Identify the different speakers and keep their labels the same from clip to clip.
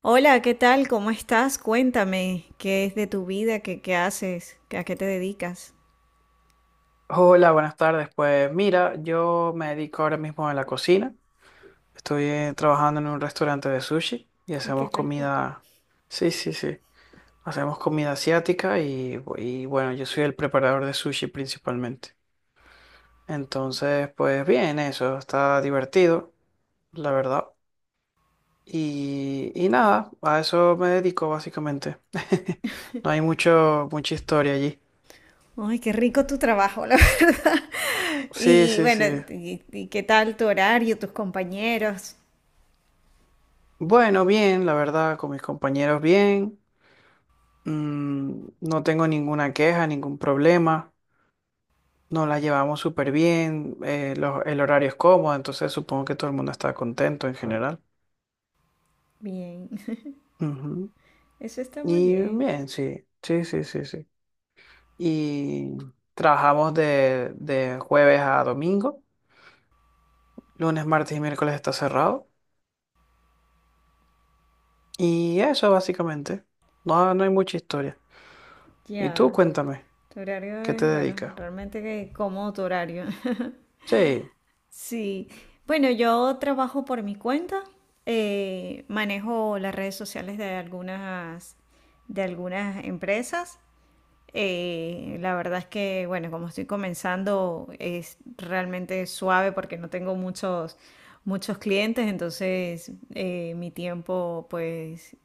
Speaker 1: Hola, ¿qué tal? ¿Cómo estás? Cuéntame, ¿qué es de tu vida? ¿Qué haces? ¿A qué te dedicas?
Speaker 2: Hola, buenas tardes. Pues mira, yo me dedico ahora mismo a la cocina. Estoy trabajando en un restaurante de sushi y
Speaker 1: Ay, qué
Speaker 2: hacemos
Speaker 1: rico.
Speaker 2: comida. Sí, sí, sí. Hacemos comida asiática y, y bueno, yo soy el preparador de sushi principalmente. Entonces, pues bien, eso está divertido, la verdad. Y nada, a eso me dedico básicamente. No hay mucha historia allí.
Speaker 1: Ay, qué rico tu trabajo, la verdad.
Speaker 2: Sí,
Speaker 1: Y
Speaker 2: sí,
Speaker 1: bueno,
Speaker 2: sí.
Speaker 1: y qué tal tu horario, tus compañeros?
Speaker 2: Bueno, bien, la verdad, con mis compañeros bien. Mm, no tengo ninguna queja, ningún problema. Nos la llevamos súper bien. El horario es cómodo, entonces supongo que todo el mundo está contento en general.
Speaker 1: Bien,
Speaker 2: Ujú.
Speaker 1: eso está muy
Speaker 2: Y
Speaker 1: bien.
Speaker 2: bien, sí, sí, sí, sí, sí. Y trabajamos de jueves a domingo. Lunes, martes y miércoles está cerrado. Y eso básicamente. No, no hay mucha historia. Y tú
Speaker 1: Ya,
Speaker 2: cuéntame,
Speaker 1: tu horario
Speaker 2: qué te
Speaker 1: es, bueno,
Speaker 2: dedicas?
Speaker 1: realmente que cómodo tu horario.
Speaker 2: Sí,
Speaker 1: Sí, bueno, yo trabajo por mi cuenta, manejo las redes sociales de algunas empresas la verdad es que, bueno, como estoy comenzando, es realmente suave porque no tengo muchos, muchos clientes, entonces mi tiempo, pues,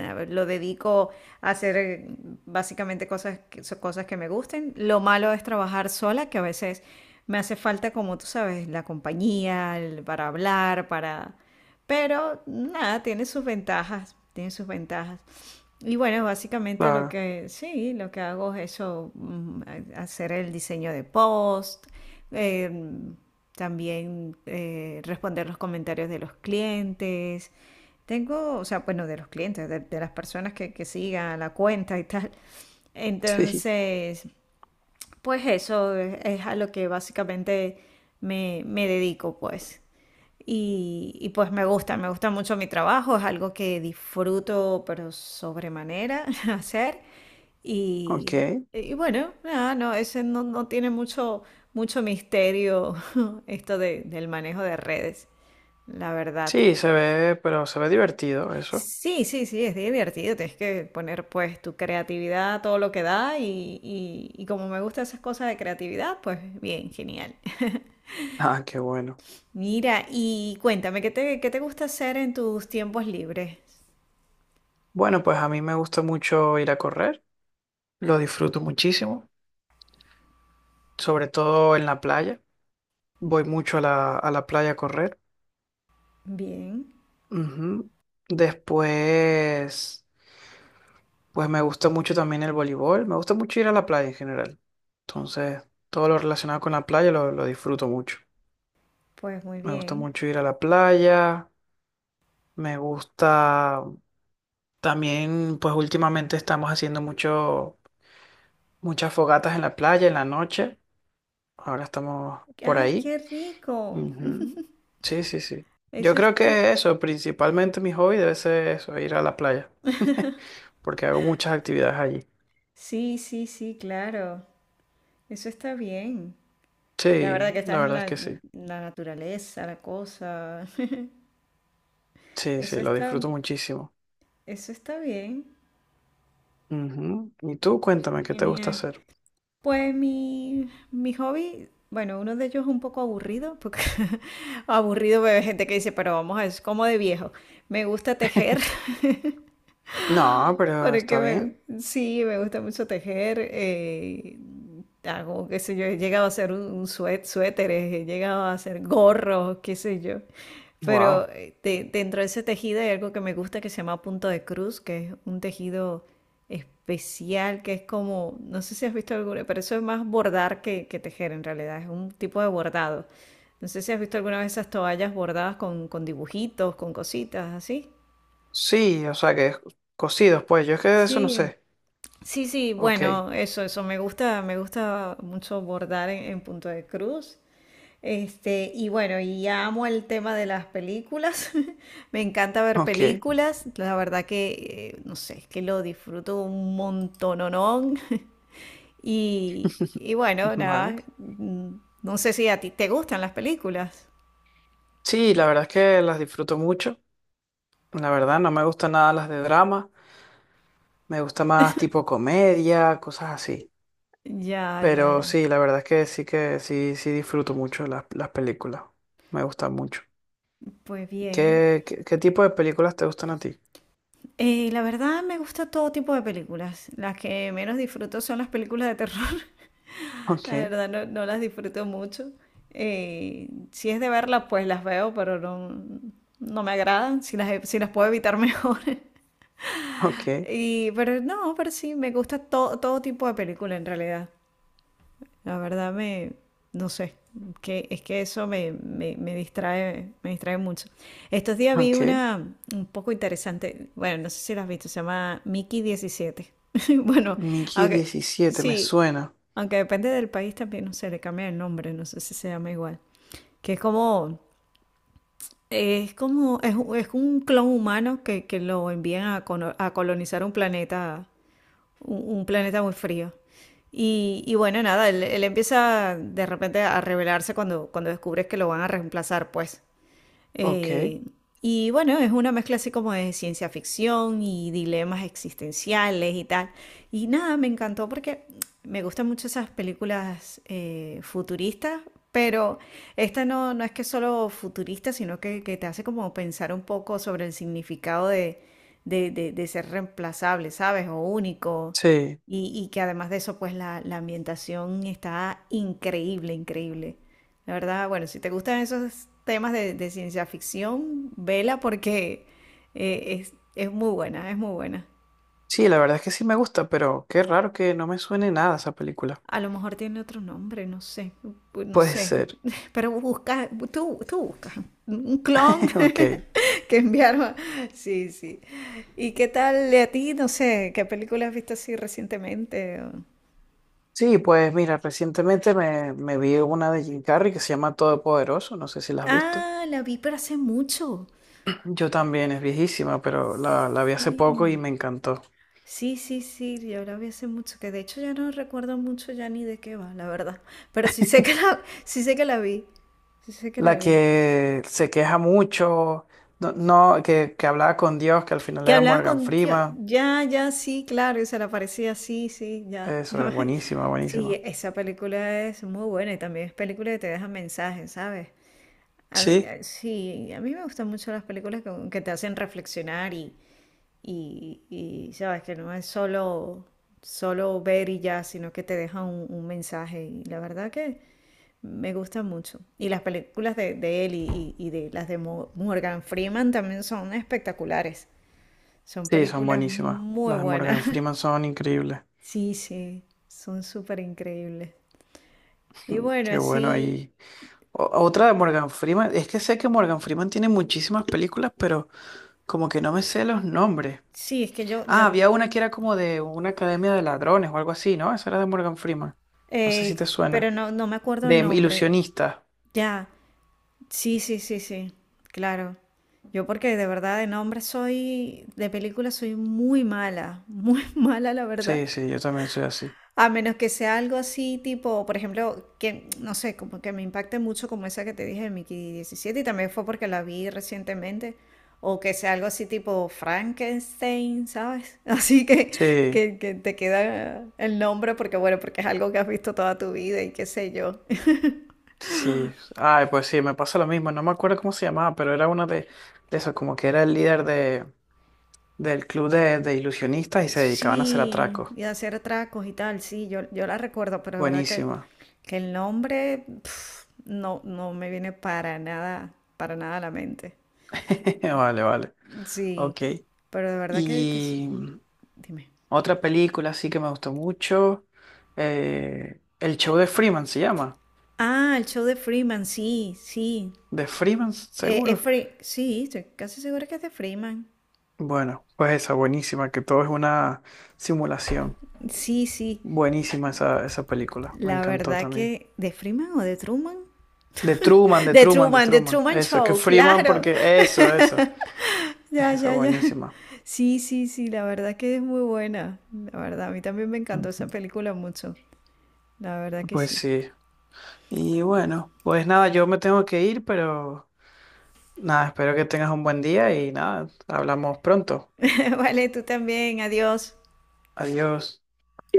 Speaker 1: a lo dedico a hacer básicamente cosas que, cosas que me gusten. Lo malo es trabajar sola, que a veces me hace falta, como tú sabes, la compañía, el- para hablar, para... Pero nada, tiene sus ventajas, tiene sus ventajas. Y bueno, básicamente lo
Speaker 2: claro.
Speaker 1: que sí, lo que hago es eso, hacer el diseño de post, em, también responder los comentarios de los clientes. Tengo, o sea, bueno, de los clientes, de las personas que sigan la cuenta y tal.
Speaker 2: Sí,
Speaker 1: Entonces, pues eso es a lo que básicamente me dedico, pues. Y pues me gusta mucho mi trabajo, es algo que disfruto pero sobremanera hacer.
Speaker 2: ok.
Speaker 1: Y, y bueno, nada, no, ese no, no tiene mucho, mucho misterio esto del manejo de redes, la verdad.
Speaker 2: Sí, se ve, pero se ve divertido eso.
Speaker 1: Sí, sí, sí, es divertido, tienes que poner pues tu creatividad, todo lo que da y como me gustan esas cosas de creatividad, pues bien, genial.
Speaker 2: Ah, qué bueno.
Speaker 1: Mira, y cuéntame, qué te gusta hacer en tus tiempos libres?
Speaker 2: Bueno, pues a mí me gusta mucho ir a correr, lo disfruto muchísimo, sobre todo en la playa. Voy mucho a a la playa a correr.
Speaker 1: Bien,
Speaker 2: Ujú. Después, pues me gusta mucho también el voleibol, me gusta mucho ir a la playa en general. Entonces, todo lo relacionado con la playa lo disfruto mucho.
Speaker 1: pues muy
Speaker 2: Me gusta
Speaker 1: bien.
Speaker 2: mucho ir a la playa, me gusta también, pues últimamente estamos haciendo muchas fogatas en la playa en la noche. Ahora estamos por
Speaker 1: ¡Ay,
Speaker 2: ahí.
Speaker 1: qué rico!
Speaker 2: Ujú. Sí, sí, sí. Yo
Speaker 1: Eso
Speaker 2: creo
Speaker 1: está.
Speaker 2: que eso, principalmente mi hobby debe ser eso, ir a la playa. Porque hago muchas actividades allí.
Speaker 1: Sí, sí, sí, claro. Eso está bien. La verdad
Speaker 2: Sí,
Speaker 1: que
Speaker 2: la
Speaker 1: estás
Speaker 2: verdad es que sí.
Speaker 1: en la naturaleza, la cosa.
Speaker 2: Sí, sí,
Speaker 1: Eso
Speaker 2: lo
Speaker 1: está,
Speaker 2: disfruto muchísimo.
Speaker 1: eso está bien.
Speaker 2: Ujú. Y tú, cuéntame, ¿qué te gusta
Speaker 1: Genial.
Speaker 2: hacer?
Speaker 1: Pues mi hobby, bueno, uno de ellos es un poco aburrido, porque aburrido ve gente que dice, pero vamos, es como de viejo. Me gusta tejer.
Speaker 2: No, pero está
Speaker 1: Porque
Speaker 2: bien.
Speaker 1: me, sí, me gusta mucho tejer. Hago, qué sé yo, he llegado a hacer un suéteres, he llegado a hacer gorros, qué sé yo.
Speaker 2: Wow.
Speaker 1: Pero dentro de ese tejido hay algo que me gusta que se llama punto de cruz, que es un tejido especial, que es como, no sé si has visto alguna, pero eso es más bordar que tejer en realidad, es un tipo de bordado. No sé si has visto alguna vez esas toallas bordadas con dibujitos, con cositas así.
Speaker 2: Sí, o sea que cocidos, pues yo es que de eso no
Speaker 1: Sí,
Speaker 2: sé.
Speaker 1: Sí, sí,
Speaker 2: Ok,
Speaker 1: bueno, eso me gusta mucho bordar en punto de cruz. Este, y bueno, y amo el tema de las películas. Me encanta ver
Speaker 2: ok,
Speaker 1: películas. La verdad que, no sé, es que lo disfruto un montononón. Y, y bueno,
Speaker 2: vale.
Speaker 1: nada, no sé si a ti te gustan las películas.
Speaker 2: Sí, la verdad es que las disfruto mucho. La verdad, no me gustan nada las de drama. Me gusta más tipo comedia, cosas así.
Speaker 1: Ya, ya,
Speaker 2: Pero
Speaker 1: ya.
Speaker 2: sí, la verdad es que sí, sí disfruto mucho las películas. Me gustan mucho.
Speaker 1: Pues bien.
Speaker 2: ¿Qué, qué, qué tipo de películas te gustan a ti?
Speaker 1: La verdad me gusta todo tipo de películas. Las que menos disfruto son las películas de terror. La
Speaker 2: Ok,
Speaker 1: verdad no, no las disfruto mucho. Si es de verlas, pues las veo, pero no, no me agradan. Si las, si las puedo evitar mejor.
Speaker 2: ok,
Speaker 1: Y, pero no, pero sí, me gusta todo tipo de película en realidad. La verdad me, no sé, que, es que eso me, me, me distrae mucho. Estos días vi
Speaker 2: ok.
Speaker 1: una un poco interesante, bueno, no sé si la has visto, se llama Mickey 17. Bueno,
Speaker 2: Mickey
Speaker 1: aunque
Speaker 2: diecisiete me
Speaker 1: sí,
Speaker 2: suena.
Speaker 1: aunque depende del país también, no sé, le cambia el nombre, no sé si se llama igual. Que es como, es como, es un clon humano que lo envían a, a colonizar un planeta muy frío. Y bueno, nada, él empieza de repente a rebelarse cuando, cuando descubres que lo van a reemplazar, pues.
Speaker 2: Ok.
Speaker 1: Eh, y bueno, es una mezcla así como de ciencia ficción y dilemas existenciales y tal. Y nada, me encantó porque me gustan mucho esas películas futuristas, pero esta no, no es que es solo futurista, sino que te hace como pensar un poco sobre el significado de, de ser reemplazable, ¿sabes? O único.
Speaker 2: Sí.
Speaker 1: Y que además de eso, pues la ambientación está increíble, increíble. La verdad, bueno, si te gustan esos temas de ciencia ficción, vela porque es muy buena, es muy buena.
Speaker 2: Sí, la verdad es que sí me gusta, pero qué raro que no me suene nada esa película.
Speaker 1: A lo mejor tiene otro nombre, no sé, bu- no
Speaker 2: Puede
Speaker 1: sé.
Speaker 2: ser.
Speaker 1: Pero busca, tú buscas un clon
Speaker 2: Ok.
Speaker 1: que enviaron. Sí, sí. ¿Y qué tal de a ti? No sé, ¿qué película has visto así recientemente? O-
Speaker 2: Sí, pues mira, me vi una de Jim Carrey que se llama Todopoderoso. No sé si la has visto.
Speaker 1: Ah, la vi, pero hace mucho.
Speaker 2: Yo también, es viejísima, pero la vi hace poco y
Speaker 1: Sí.
Speaker 2: me encantó.
Speaker 1: Sí, sí, sí, yo la vi hace mucho, que de hecho ya no recuerdo mucho ya ni de qué va, la verdad. Pero sí sé que la, sí sé que la vi, sí sé que la
Speaker 2: La
Speaker 1: vi.
Speaker 2: que se queja mucho, no, no, que hablaba con Dios, que al final
Speaker 1: Que
Speaker 2: era
Speaker 1: hablaba
Speaker 2: Morgan
Speaker 1: con tío,
Speaker 2: Freeman.
Speaker 1: ya, ya, sí, claro, y se le aparecía así, sí, ya.
Speaker 2: Eso
Speaker 1: ya
Speaker 2: es
Speaker 1: me-
Speaker 2: buenísima,
Speaker 1: Sí,
Speaker 2: buenísima.
Speaker 1: esa película es muy buena y también es película que te deja mensajes, ¿sabes? A mí-
Speaker 2: Sí.
Speaker 1: sí, a mí me gustan mucho las películas que te hacen reflexionar y sabes que no es solo, solo ver y ya, sino que te deja un mensaje. Y la verdad que me gusta mucho. Y las películas de él y, y de las de Morgan Freeman también son espectaculares. Son
Speaker 2: Sí, son
Speaker 1: películas
Speaker 2: buenísimas.
Speaker 1: muy
Speaker 2: Las de
Speaker 1: buenas.
Speaker 2: Morgan Freeman son increíbles.
Speaker 1: Sí, sí, son súper increíbles. Y
Speaker 2: Mm,
Speaker 1: bueno,
Speaker 2: qué bueno
Speaker 1: así,
Speaker 2: ahí. Otra de Morgan Freeman, es que sé que Morgan Freeman tiene muchísimas películas, pero como que no me sé los nombres.
Speaker 1: sí, es que yo,
Speaker 2: Ah, había una que era como de una academia de ladrones o algo así, ¿no? Esa era de Morgan Freeman. No sé si
Speaker 1: eh,
Speaker 2: te
Speaker 1: pero
Speaker 2: suena.
Speaker 1: no, no me acuerdo
Speaker 2: De
Speaker 1: el nombre.
Speaker 2: ilusionista.
Speaker 1: Ya, sí, sí, sí, sí, claro. Yo porque de verdad de nombre soy, de película soy muy mala, muy mala la verdad.
Speaker 2: Sí, sí, yo también soy así.
Speaker 1: A menos que sea algo así tipo, por ejemplo, que no sé, como que me impacte mucho como esa que te dije de Mickey 17 y también fue porque la vi recientemente. O que sea algo así tipo Frankenstein, ¿sabes? Así
Speaker 2: Sí,
Speaker 1: que te queda el nombre porque bueno, porque es algo que has visto toda tu vida y qué sé yo.
Speaker 2: sí. Ay, pues sí, me pasa lo mismo. No me acuerdo cómo se llamaba, pero era uno de esos, como que era el líder del club de ilusionistas y se dedicaban a hacer
Speaker 1: Sí,
Speaker 2: atracos.
Speaker 1: y hacer tracos y tal, sí, yo la recuerdo, pero es verdad
Speaker 2: Buenísima.
Speaker 1: que el nombre pf, no, no me viene para nada a la mente.
Speaker 2: Vale, vale.
Speaker 1: Sí,
Speaker 2: Ok.
Speaker 1: pero de verdad que es-
Speaker 2: Y mm,
Speaker 1: dime.
Speaker 2: otra película sí que me gustó mucho. El show de Freeman se llama.
Speaker 1: Ah, el show de Freeman, sí, sí.
Speaker 2: De Freeman,
Speaker 1: Es
Speaker 2: seguro.
Speaker 1: Sí, estoy casi segura que es de Freeman.
Speaker 2: Bueno, pues esa, buenísima, que todo es una simulación.
Speaker 1: Sí, sí.
Speaker 2: Buenísima esa, esa película, me
Speaker 1: La
Speaker 2: encantó
Speaker 1: verdad
Speaker 2: también.
Speaker 1: que... ¿De Freeman o de Truman?
Speaker 2: De Truman, de Truman, de
Speaker 1: De
Speaker 2: Truman.
Speaker 1: Truman
Speaker 2: Eso, es que
Speaker 1: Show,
Speaker 2: Freeman,
Speaker 1: claro.
Speaker 2: porque eso, eso.
Speaker 1: Ya,
Speaker 2: Esa
Speaker 1: ya, ya.
Speaker 2: buenísima.
Speaker 1: Sí, sí, sí, la verdad que es muy buena. La verdad, a mí también me encantó esa
Speaker 2: Ujú.
Speaker 1: película mucho. La verdad que
Speaker 2: Pues
Speaker 1: sí.
Speaker 2: sí. Y bueno, pues nada, yo me tengo que ir, pero nada, espero que tengas un buen día y nada, hablamos pronto.
Speaker 1: Vale, tú también, adiós.
Speaker 2: Adiós.